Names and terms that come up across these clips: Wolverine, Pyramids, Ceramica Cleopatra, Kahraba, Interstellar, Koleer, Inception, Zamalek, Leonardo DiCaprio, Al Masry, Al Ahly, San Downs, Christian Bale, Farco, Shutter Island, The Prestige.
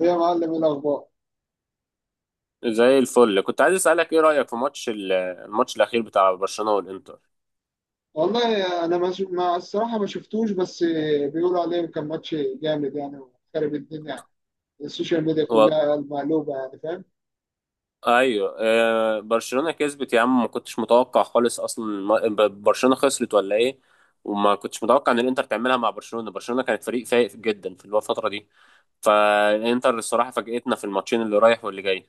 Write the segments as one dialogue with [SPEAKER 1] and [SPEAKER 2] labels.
[SPEAKER 1] إيه يا معلم؟ ايه الاخبار؟
[SPEAKER 2] زي الفل كنت عايز اسالك ايه رايك في ماتش الماتش الاخير بتاع برشلونه والانتر.
[SPEAKER 1] والله انا ما الصراحه ما شفتوش، بس بيقولوا عليه كان ماتش جامد يعني، وخرب الدنيا يعني. السوشيال ميديا
[SPEAKER 2] و...
[SPEAKER 1] كلها مقلوبه يعني، فاهم؟
[SPEAKER 2] ايوه، برشلونه كسبت يا عم، ما كنتش متوقع خالص اصلا. برشلونه خسرت ولا ايه؟ وما كنتش متوقع ان الانتر تعملها مع برشلونه كانت فريق فايق جدا في الفتره دي، فالانتر الصراحه فاجئتنا في الماتشين اللي رايح واللي جاي.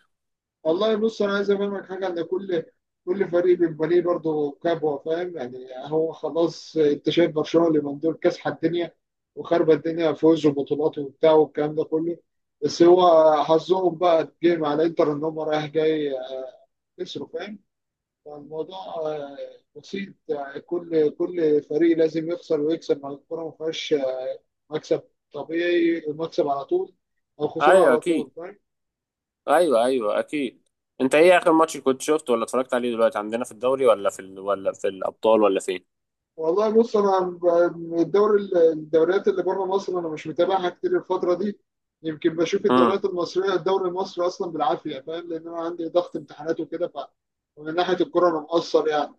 [SPEAKER 1] والله بص، انا عايز افهمك حاجه، ان كل فريق بيبقى ليه برضه كبوه، فاهم يعني؟ هو خلاص، انت شايف برشلونه اللي من دول كاسحه الدنيا وخربت الدنيا، فوز وبطولات وبتاع والكلام ده كله. بس هو حظهم بقى اتجه مع الانتر، ان هم رايح جاي خسروا، فاهم؟ الموضوع بسيط يعني. كل فريق لازم يخسر ويكسب، مع الكورة ما فيهاش مكسب طبيعي، المكسب على طول أو خسارة
[SPEAKER 2] ايوه
[SPEAKER 1] على طول،
[SPEAKER 2] اكيد.
[SPEAKER 1] فاهم؟
[SPEAKER 2] ايوه، ايوه، اكيد. انت ايه اخر ماتش كنت شفته ولا اتفرجت عليه دلوقتي، عندنا في الدوري ولا في ولا في الابطال ولا فين؟
[SPEAKER 1] والله بص، الدوري، الدوريات اللي بره مصر، أنا مش متابعها كتير الفترة دي. يمكن بشوف
[SPEAKER 2] امم.
[SPEAKER 1] الدوريات المصرية، الدوري المصري أصلا بالعافية، فاهم؟ لأن أنا عندي ضغط امتحانات وكده، ف ومن ناحية الكورة أنا مقصر يعني.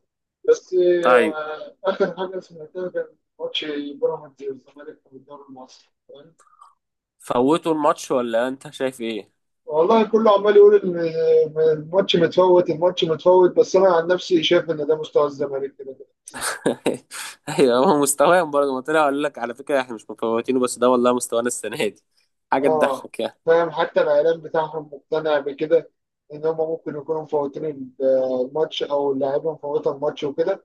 [SPEAKER 1] بس
[SPEAKER 2] ايوه.
[SPEAKER 1] آخر حاجة سمعتها كان ماتش بيراميدز والزمالك في الدوري المصري.
[SPEAKER 2] فوتوا الماتش ولا انت شايف ايه؟
[SPEAKER 1] والله كله عمال يقول إن الماتش متفوت، الماتش متفوت، بس انا عن نفسي شايف ان ده مستوى الزمالك كده كده.
[SPEAKER 2] ايوه، هو مستواهم برضه ما طلع، قال لك على فكره احنا مش مفوتينه، بس ده والله مستوانا السنه دي، حاجه
[SPEAKER 1] اه،
[SPEAKER 2] تضحك يعني.
[SPEAKER 1] فاهم؟ حتى الاعلام بتاعهم مقتنع بكده، ان هم ممكن يكونوا مفوتين الماتش، او اللاعيبه مفوته الماتش وكده.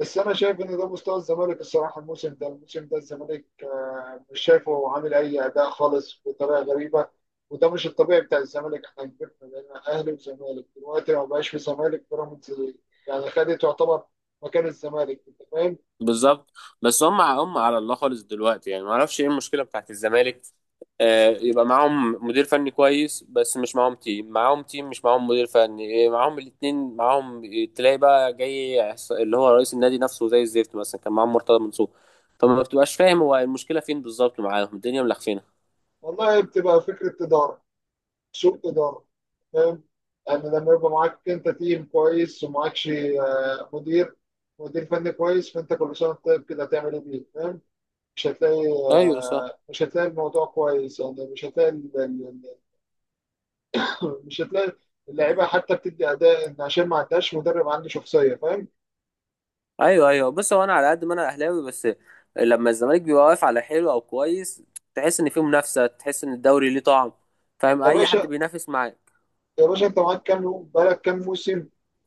[SPEAKER 1] بس انا شايف ان ده مستوى الزمالك الصراحه، الموسم ده، الموسم ده الزمالك مش شايفه عامل اي اداء خالص، بطريقه غريبه. وده مش الطبيعي بتاع الزمالك. احنا كبرنا بقينا اهلي وزمالك، دلوقتي ما بقاش في زمالك، بيراميدز يعني خدت تعتبر مكان الزمالك، انت فاهم؟
[SPEAKER 2] بالظبط. بس هم على الله خالص دلوقتي، يعني ما اعرفش ايه المشكله بتاعت الزمالك. آه، يبقى معاهم مدير فني كويس بس مش معاهم تيم، معاهم تيم مش معاهم مدير فني، إيه، معاهم الاتنين معاهم. تلاقي بقى جاي اللي هو رئيس النادي نفسه زي الزفت، مثلا كان معاهم مرتضى منصور، فما بتبقاش فاهم هو المشكله فين بالظبط، معاهم الدنيا ملخفينه.
[SPEAKER 1] والله بتبقى فكره اداره، سوء اداره، فاهم؟ يعني لما يبقى معاك انت تيم كويس ومعاكش مدير، مدير فني كويس، فانت كل سنه طيب كده هتعمل ايه بيه، فاهم؟ مش هتلاقي،
[SPEAKER 2] ايوه صح.
[SPEAKER 1] مش هتلاقي الموضوع كويس يعني، مش هتلاقي مش هتلاقي اللعيبه حتى بتدي اداء، ان عشان ما عندهاش مدرب عنده شخصيه، فاهم؟
[SPEAKER 2] ايوه، ايوه. بص، هو انا على قد ما انا اهلاوي، بس لما الزمالك بيبقى واقف على حلو او كويس، تحس ان فيه منافسه، تحس ان الدوري ليه طعم، فاهم؟
[SPEAKER 1] يا
[SPEAKER 2] اي حد
[SPEAKER 1] باشا،
[SPEAKER 2] بينافس معاك.
[SPEAKER 1] يا باشا، انت معاك كام يوم؟ بقالك كام موسم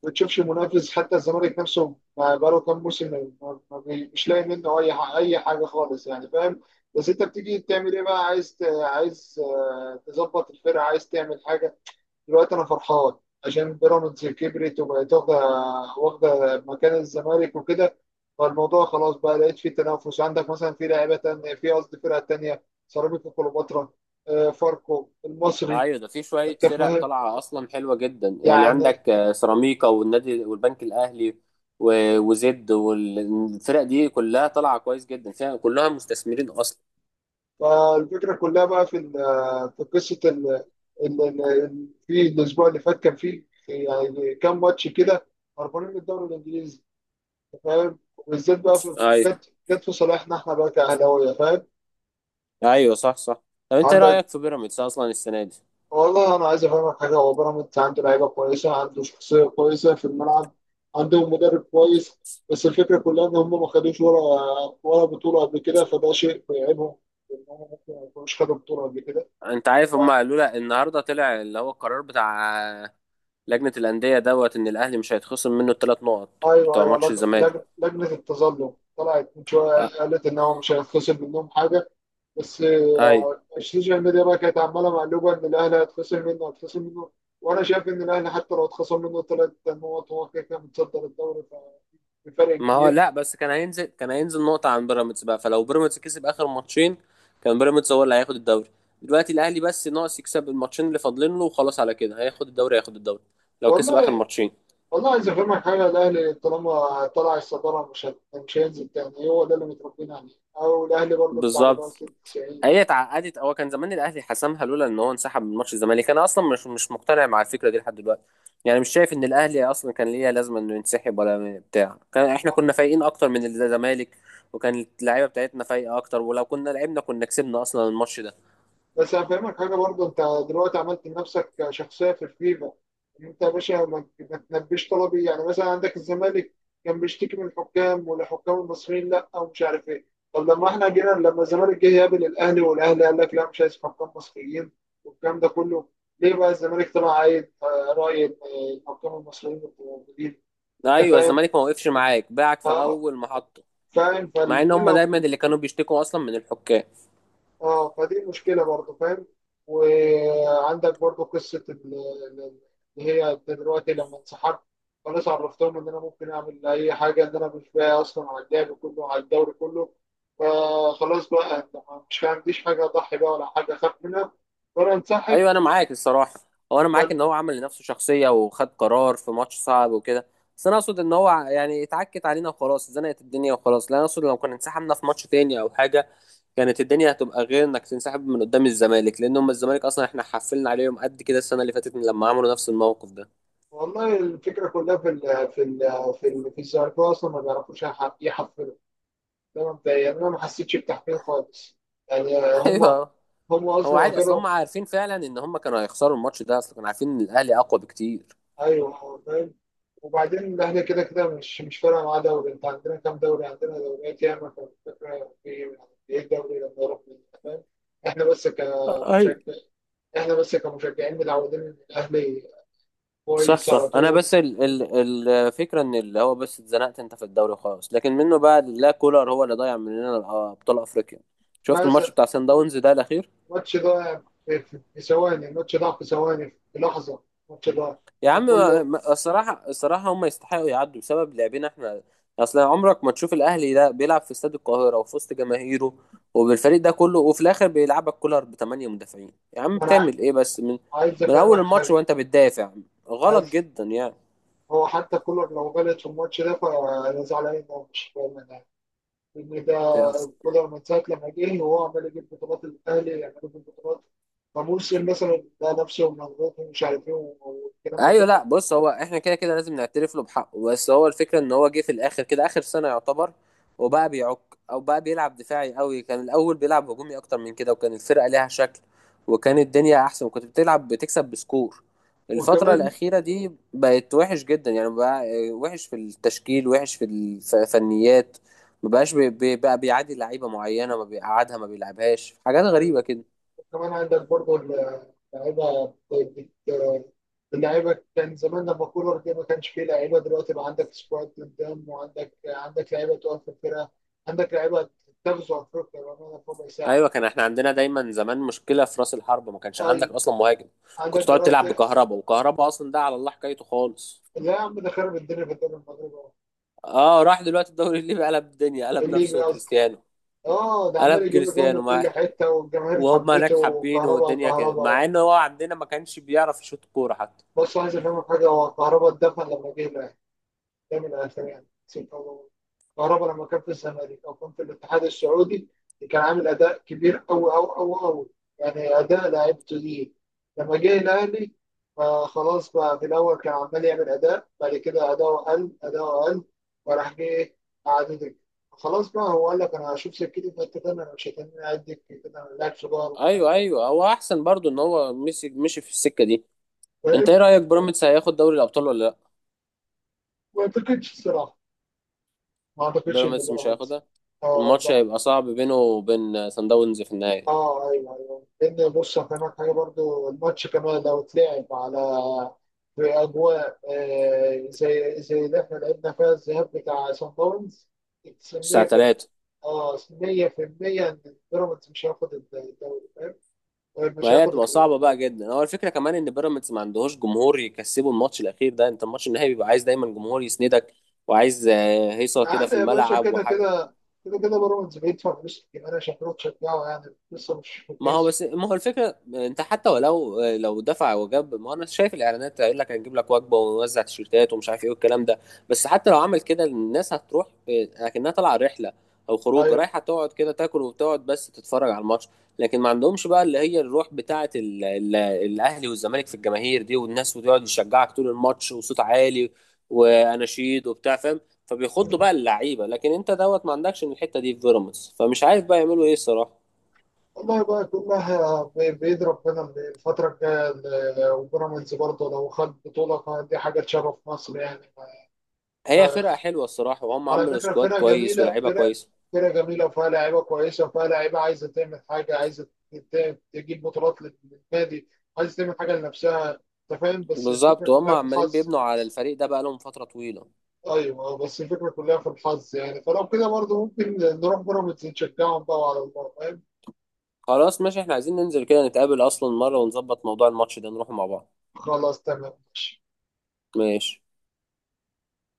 [SPEAKER 1] ما بتشوفش منافس؟ حتى الزمالك نفسه ما بقاله كام موسم ما- ما- ما بي- مش لاقي منه اي حاجه خالص يعني، فاهم؟ بس انت بتيجي تعمل ايه بقى؟ عايز عايز تظبط الفرقه، عايز تعمل حاجه. دلوقتي انا فرحان عشان بيراميدز كبرت وبقت واخده، واخده مكان الزمالك وكده. فالموضوع خلاص بقى لقيت فيه تنافس، عندك مثلا في لعيبه تانية، في قصدي فرقه تانية، سيراميكا كليوباترا، فاركو، المصري.
[SPEAKER 2] ايوه، ده في شويه
[SPEAKER 1] انت
[SPEAKER 2] فرق
[SPEAKER 1] فاهم
[SPEAKER 2] طالعه اصلا حلوه جدا يعني،
[SPEAKER 1] يعني؟
[SPEAKER 2] عندك سيراميكا والنادي والبنك الاهلي وزد، والفرق دي كلها طالعه كويس جدا، فيها كلها مستثمرين اصلا.
[SPEAKER 1] فالفكره كلها بقى في في قصه في الاسبوع اللي فات كان فيه يعني كام ماتش كده هربانين من الدوري الانجليزي، انت فاهم؟ وبالذات بقى في،
[SPEAKER 2] ايوه،
[SPEAKER 1] جت في صالحنا احنا بقى كاهلاويه، فاهم؟
[SPEAKER 2] ايوه، صح صح. طب انت إيه
[SPEAKER 1] عندك،
[SPEAKER 2] رايك في بيراميدز اصلا السنه دي؟
[SPEAKER 1] والله انا عايز افهمك حاجه، هو بيراميدز عنده لعيبه كويسه، عنده شخصيه كويسه في الملعب، عندهم مدرب كويس. بس الفكره كلها ان هم ما خدوش ولا ولا بطوله قبل كده، فده شيء بيعيبهم، ان هم ممكن ما يكونوش خدوا بطوله قبل كده.
[SPEAKER 2] انت عارف
[SPEAKER 1] ف-
[SPEAKER 2] هم قالوا لها النهارده، طلع اللي هو القرار بتاع لجنة الأندية دوت، إن الأهلي مش هيتخصم منه الثلاث نقط
[SPEAKER 1] ايوه
[SPEAKER 2] بتوع
[SPEAKER 1] ايوه،
[SPEAKER 2] ماتش الزمالك؟
[SPEAKER 1] لجنه التظلم طلعت من شويه،
[SPEAKER 2] أ-
[SPEAKER 1] قالت ان هو مش هيتخصم منهم حاجه. بس
[SPEAKER 2] أيوة.
[SPEAKER 1] السوشيال ميديا بقى كانت عماله مقلوبه ان الاهلي هيتخصم منه، هيتخصم منه. وانا شايف ان الاهلي حتى لو اتخصم منه ثلاث نقط هو كده كده متصدر الدوري ف- بفرق
[SPEAKER 2] ما هو
[SPEAKER 1] كبير.
[SPEAKER 2] لا، بس كان هينزل، كان هينزل نقطة عن بيراميدز بقى، فلو بيراميدز كسب آخر ماتشين كان بيراميدز هو اللي هياخد الدوري، دلوقتي الأهلي بس ناقص يكسب الماتشين اللي فاضلين له وخلاص، على كده هياخد الدوري، هياخد الدوري لو كسب آخر
[SPEAKER 1] والله،
[SPEAKER 2] ماتشين.
[SPEAKER 1] والله عايز افهمك حاجه، الاهلي طالما طلع الصداره مش هينزل تاني. هو ده اللي متربيين عليه، او الاهلي برضه بتاع
[SPEAKER 2] بالظبط.
[SPEAKER 1] بنوصل 90
[SPEAKER 2] هي
[SPEAKER 1] يعني.
[SPEAKER 2] اتعقدت، هو كان زمان الاهلي حسمها لولا ان هو انسحب من ماتش الزمالك، انا اصلا مش مقتنع مع الفكره دي لحد دلوقتي، يعني مش شايف ان الاهلي اصلا كان ليه لازمه انه ينسحب ولا بتاع، كان احنا كنا فايقين اكتر من الزمالك، وكان اللعيبه بتاعتنا فايقه اكتر، ولو كنا لعبنا كنا كسبنا اصلا الماتش ده.
[SPEAKER 1] بس هفهمك حاجه برضه، انت دلوقتي عملت لنفسك شخصيه في الفيفا، ان انت يا باشا ما، ما تنبيش طلبي. يعني مثلا عندك الزمالك كان بيشتكي من الحكام، والحكام المصريين لا، ومش عارف ايه. طب لما احنا جينا، لما الزمالك جه يقابل الاهلي، والاهلي قال لك لا، مش عايز حكام مصريين والكلام ده كله، ليه بقى الزمالك طلع عايز راي إن الحكام المصريين الموجودين؟ انت
[SPEAKER 2] ايوه،
[SPEAKER 1] فاهم؟
[SPEAKER 2] الزمالك ما وقفش معاك، باعك في
[SPEAKER 1] اه،
[SPEAKER 2] اول محطه،
[SPEAKER 1] فاهم.
[SPEAKER 2] مع ان
[SPEAKER 1] فالاثنين
[SPEAKER 2] هم
[SPEAKER 1] لو،
[SPEAKER 2] دايما اللي كانوا بيشتكوا اصلا من الحكام.
[SPEAKER 1] اه فدي مشكله برضه، فاهم؟ وعندك برضه قصه اللي هي دلوقتي لما انسحبت، خلاص عرفتهم ان انا ممكن اعمل اي حاجه، ان انا مش باقي اصلا على اللعب كله على الدوري كله. فخلاص بقى انت مش ما عنديش حاجه اضحي بقى، ولا حاجه اخاف منها، وانا انسحب.
[SPEAKER 2] ايوه، انا معاك الصراحه. هو انا معاك
[SPEAKER 1] بل،
[SPEAKER 2] ان هو عمل لنفسه شخصيه وخد قرار في ماتش صعب وكده، بس انا اقصد ان هو يعني اتعكت علينا وخلاص، زنقت الدنيا وخلاص. لا، انا اقصد لو كنا انسحبنا في ماتش تاني او حاجه، كانت الدنيا هتبقى غير انك تنسحب من قدام الزمالك، لان هم الزمالك اصلا احنا حفلنا عليهم قد كده السنه اللي فاتت من لما عملوا نفس الموقف ده.
[SPEAKER 1] والله الفكره كلها في ال في ال في الزمالكاويه اصلا ما بيعرفوش يحفلوا. ده مبدئيا يعني انا ما حسيتش بتحفيل خالص يعني. هم،
[SPEAKER 2] ايوه.
[SPEAKER 1] هم
[SPEAKER 2] هو
[SPEAKER 1] اصلا
[SPEAKER 2] عادي اصلا،
[SPEAKER 1] اخرهم.
[SPEAKER 2] هم عارفين فعلا ان هم كانوا هيخسروا الماتش ده اصلا، كانوا عارفين ان الاهلي اقوى بكتير.
[SPEAKER 1] ايوه، فاهم. وبعدين الاهلي كده كده مش مش فارقه معاه دوري. انت عندنا كام دوري؟ عندنا دوريات ياما، فالفكره في ايه؟ إيه الدوري لما يروح من، فاهم؟ احنا بس كمشجع، احنا بس كمشجعين متعودين ان الاهلي
[SPEAKER 2] صح
[SPEAKER 1] كويس على
[SPEAKER 2] صح. انا
[SPEAKER 1] طول.
[SPEAKER 2] بس ال ال الفكره ان اللي هو بس اتزنقت انت في الدوري خالص، لكن منه بقى لا، كولر هو اللي ضيع مننا ابطال افريقيا. شفت
[SPEAKER 1] مثلا
[SPEAKER 2] الماتش بتاع سان داونز ده الاخير؟
[SPEAKER 1] الماتش ده، في في ثواني، الماتش ده في ثواني في لحظه، الماتش ده،
[SPEAKER 2] يا عم،
[SPEAKER 1] وكله
[SPEAKER 2] الصراحه، الصراحه هم يستحقوا يعدوا بسبب لعبنا احنا، اصل عمرك ما تشوف الاهلي ده بيلعب في استاد القاهره وفي وسط جماهيره وبالفريق ده كله وفي الاخر بيلعبك كولر بثمانيه مدافعين. يا عم
[SPEAKER 1] ما انا،
[SPEAKER 2] بتعمل ايه بس؟
[SPEAKER 1] عايز
[SPEAKER 2] من اول
[SPEAKER 1] افهمك
[SPEAKER 2] الماتش
[SPEAKER 1] حاجه،
[SPEAKER 2] وانت بتدافع، غلط
[SPEAKER 1] عايز،
[SPEAKER 2] جدا
[SPEAKER 1] هو حتى كولر لو غلط في الماتش ده فانا زعلان إن هو مش فاهم ده.
[SPEAKER 2] يعني.
[SPEAKER 1] كولر من ساعة لما جه وهو عمال يجيب بطولات الأهلي، يعملوا في البطولات، فموسم مثلا ده نفسه مضغوط، ومش عارف إيه والكلام ده
[SPEAKER 2] ايوه،
[SPEAKER 1] كله.
[SPEAKER 2] لا بص، هو احنا كده كده لازم نعترف له بحقه، بس هو الفكره ان هو جه في الاخر كده اخر سنه يعتبر، وبقى بيعك او بقى بيلعب دفاعي قوي، كان الاول بيلعب هجومي اكتر من كده، وكان الفرقه ليها شكل، وكان الدنيا احسن، وكنت بتلعب بتكسب بسكور. الفتره
[SPEAKER 1] وكمان
[SPEAKER 2] الاخيره دي بقت وحش جدا يعني، بقى وحش في التشكيل، وحش في الفنيات، ما بقاش بقى بيعادي لعيبه معينه، ما بيقعدها، ما بيلعبهاش، حاجات
[SPEAKER 1] يعني،
[SPEAKER 2] غريبه كده.
[SPEAKER 1] كمان عندك برضه اللعيبة بت- بت- اللعيبة كان زمان لما كولر جه ما كانش فيه لعيبة، دلوقتي بقى عندك سكواد قدام، وعندك لعيبة تقف في الفرقة، عندك لعيبة تغزو أفريقيا بأمانة في ربع ساعة.
[SPEAKER 2] ايوه، كان احنا عندنا دايما زمان مشكله في راس الحرب، ما كانش عندك
[SPEAKER 1] أي،
[SPEAKER 2] اصلا مهاجم،
[SPEAKER 1] عندك
[SPEAKER 2] كنت تقعد تلعب
[SPEAKER 1] دلوقتي،
[SPEAKER 2] بكهربا، وكهربا اصلا ده على الله حكايته خالص.
[SPEAKER 1] لا يا عم، ده خرب الدنيا في الدوري المغربي،
[SPEAKER 2] اه، راح دلوقتي الدوري الليبي قلب الدنيا، قلب
[SPEAKER 1] الليبي
[SPEAKER 2] نفسه
[SPEAKER 1] قصدي.
[SPEAKER 2] كريستيانو،
[SPEAKER 1] اه، ده عمال
[SPEAKER 2] قلب
[SPEAKER 1] يجيب جون
[SPEAKER 2] كريستيانو،
[SPEAKER 1] من
[SPEAKER 2] مع
[SPEAKER 1] كل حته، والجماهير
[SPEAKER 2] وهم هناك
[SPEAKER 1] حبته.
[SPEAKER 2] حابينه
[SPEAKER 1] وكهرباء،
[SPEAKER 2] والدنيا كده، مع
[SPEAKER 1] كهرباء،
[SPEAKER 2] ان هو عندنا ما كانش بيعرف يشوط كوره حتى.
[SPEAKER 1] بص عايز افهمك حاجه، هو كهرباء اتدفن لما جه. دايما اهلاوي يعني، نسيت والله، كهربا لما كان في الزمالك او كان في الاتحاد السعودي كان عامل اداء كبير قوي قوي قوي قوي، يعني اداء لعيبته دي. لما جه الاهلي، فخلاص بقى في الاول كان عمال يعمل اداء، بعد كده اداؤه قل، اداؤه قل، وراح جه إيه؟ قعد دكة. خلاص بقى هو قال لك انا هشوف سكتي في حته تانيه، انا مش هتنين قاعد دكة كده، انا لاعب صغير وبتاع،
[SPEAKER 2] ايوه ايوه، هو احسن برضو ان هو مشي، مشي في السكه دي. انت ايه
[SPEAKER 1] فاهم؟
[SPEAKER 2] رايك، بيراميدز هياخد دوري الابطال ولا لا؟
[SPEAKER 1] ما اعتقدش الصراحه، ما اعتقدش ان
[SPEAKER 2] بيراميدز مش
[SPEAKER 1] بيراميدز،
[SPEAKER 2] هياخدها،
[SPEAKER 1] اه.
[SPEAKER 2] الماتش هيبقى صعب بينه وبين سان داونز في النهائي
[SPEAKER 1] اه ايوه ايوه، لان بص هفهمك حاجه برضو، الماتش كمان لو اتلعب على، في اجواء زي زي اللي احنا لعبنا فيها الذهاب بتاع سان داونز،
[SPEAKER 2] الساعه
[SPEAKER 1] 100% في،
[SPEAKER 2] 3.
[SPEAKER 1] اه، 100% ان بيراميدز مش هياخد الدوري، فاهم؟ مش
[SPEAKER 2] ما هي
[SPEAKER 1] هياخد
[SPEAKER 2] هتبقى
[SPEAKER 1] البطوله.
[SPEAKER 2] صعبة بقى جدا، هو الفكرة كمان ان بيراميدز ما عندهوش جمهور يكسبه الماتش الاخير ده، انت الماتش النهائي بيبقى عايز دايما جمهور يسندك، وعايز هيصة كده
[SPEAKER 1] عادي
[SPEAKER 2] في
[SPEAKER 1] يا باشا،
[SPEAKER 2] الملعب
[SPEAKER 1] كده
[SPEAKER 2] وحاجة.
[SPEAKER 1] كده، كده كده بيراميدز بيدفع فلوس كتير انا شكله تشجعه يعني، لسه مش في الكيس.
[SPEAKER 2] ما هو الفكره، انت حتى ولو دفع وجاب، ما هو انا شايف الاعلانات هيقول لك هنجيب لك وجبه ونوزع تيشيرتات ومش عارف ايه والكلام ده، بس حتى لو عمل كده الناس هتروح لكنها طالعه رحله او خروج،
[SPEAKER 1] ايوه،
[SPEAKER 2] رايحه تقعد كده تاكل وتقعد بس تتفرج على الماتش، لكن ما عندهمش بقى اللي هي الروح بتاعه ال ال الاهلي والزمالك في الجماهير دي والناس، وتقعد تشجعك طول الماتش وصوت عالي واناشيد وبتاع، فاهم؟ فبيخضوا بقى اللعيبه، لكن انت دوت ما عندكش من الحته دي في بيراميدز، فمش عارف بقى يعملوا ايه الصراحه.
[SPEAKER 1] والله بقى كلها بإيد ربنا من الفترة الجاية ال- وبيراميدز برضه لو خد بطولة فدي حاجة تشرف مصر يعني.
[SPEAKER 2] هي فرقة حلوة الصراحة، وهم
[SPEAKER 1] على
[SPEAKER 2] عملوا
[SPEAKER 1] فكرة
[SPEAKER 2] سكواد
[SPEAKER 1] فرقة
[SPEAKER 2] كويس
[SPEAKER 1] جميلة،
[SPEAKER 2] ولاعيبة
[SPEAKER 1] فرقة،
[SPEAKER 2] كويسة.
[SPEAKER 1] فرقة جميلة، وفيها لعيبة كويسة، وفيها لعيبة عايزة تعمل حاجة، عايزة تجيب بطولات لل- للنادي، عايزة تعمل حاجة لنفسها. أنت فاهم؟ بس الفكرة
[SPEAKER 2] بالظبط، وهم
[SPEAKER 1] كلها في
[SPEAKER 2] عمالين
[SPEAKER 1] الحظ.
[SPEAKER 2] بيبنوا على الفريق ده بقالهم فترة طويلة.
[SPEAKER 1] أيوه، بس الفكرة كلها في الحظ يعني، فلو كده برضه ممكن نروح بيراميدز نشجعهم بقى على الله، فاهم؟
[SPEAKER 2] خلاص ماشي، احنا عايزين ننزل كده نتقابل أصلا مرة ونظبط موضوع الماتش ده، نروح مع بعض.
[SPEAKER 1] خلاص تمام ماشي.
[SPEAKER 2] ماشي.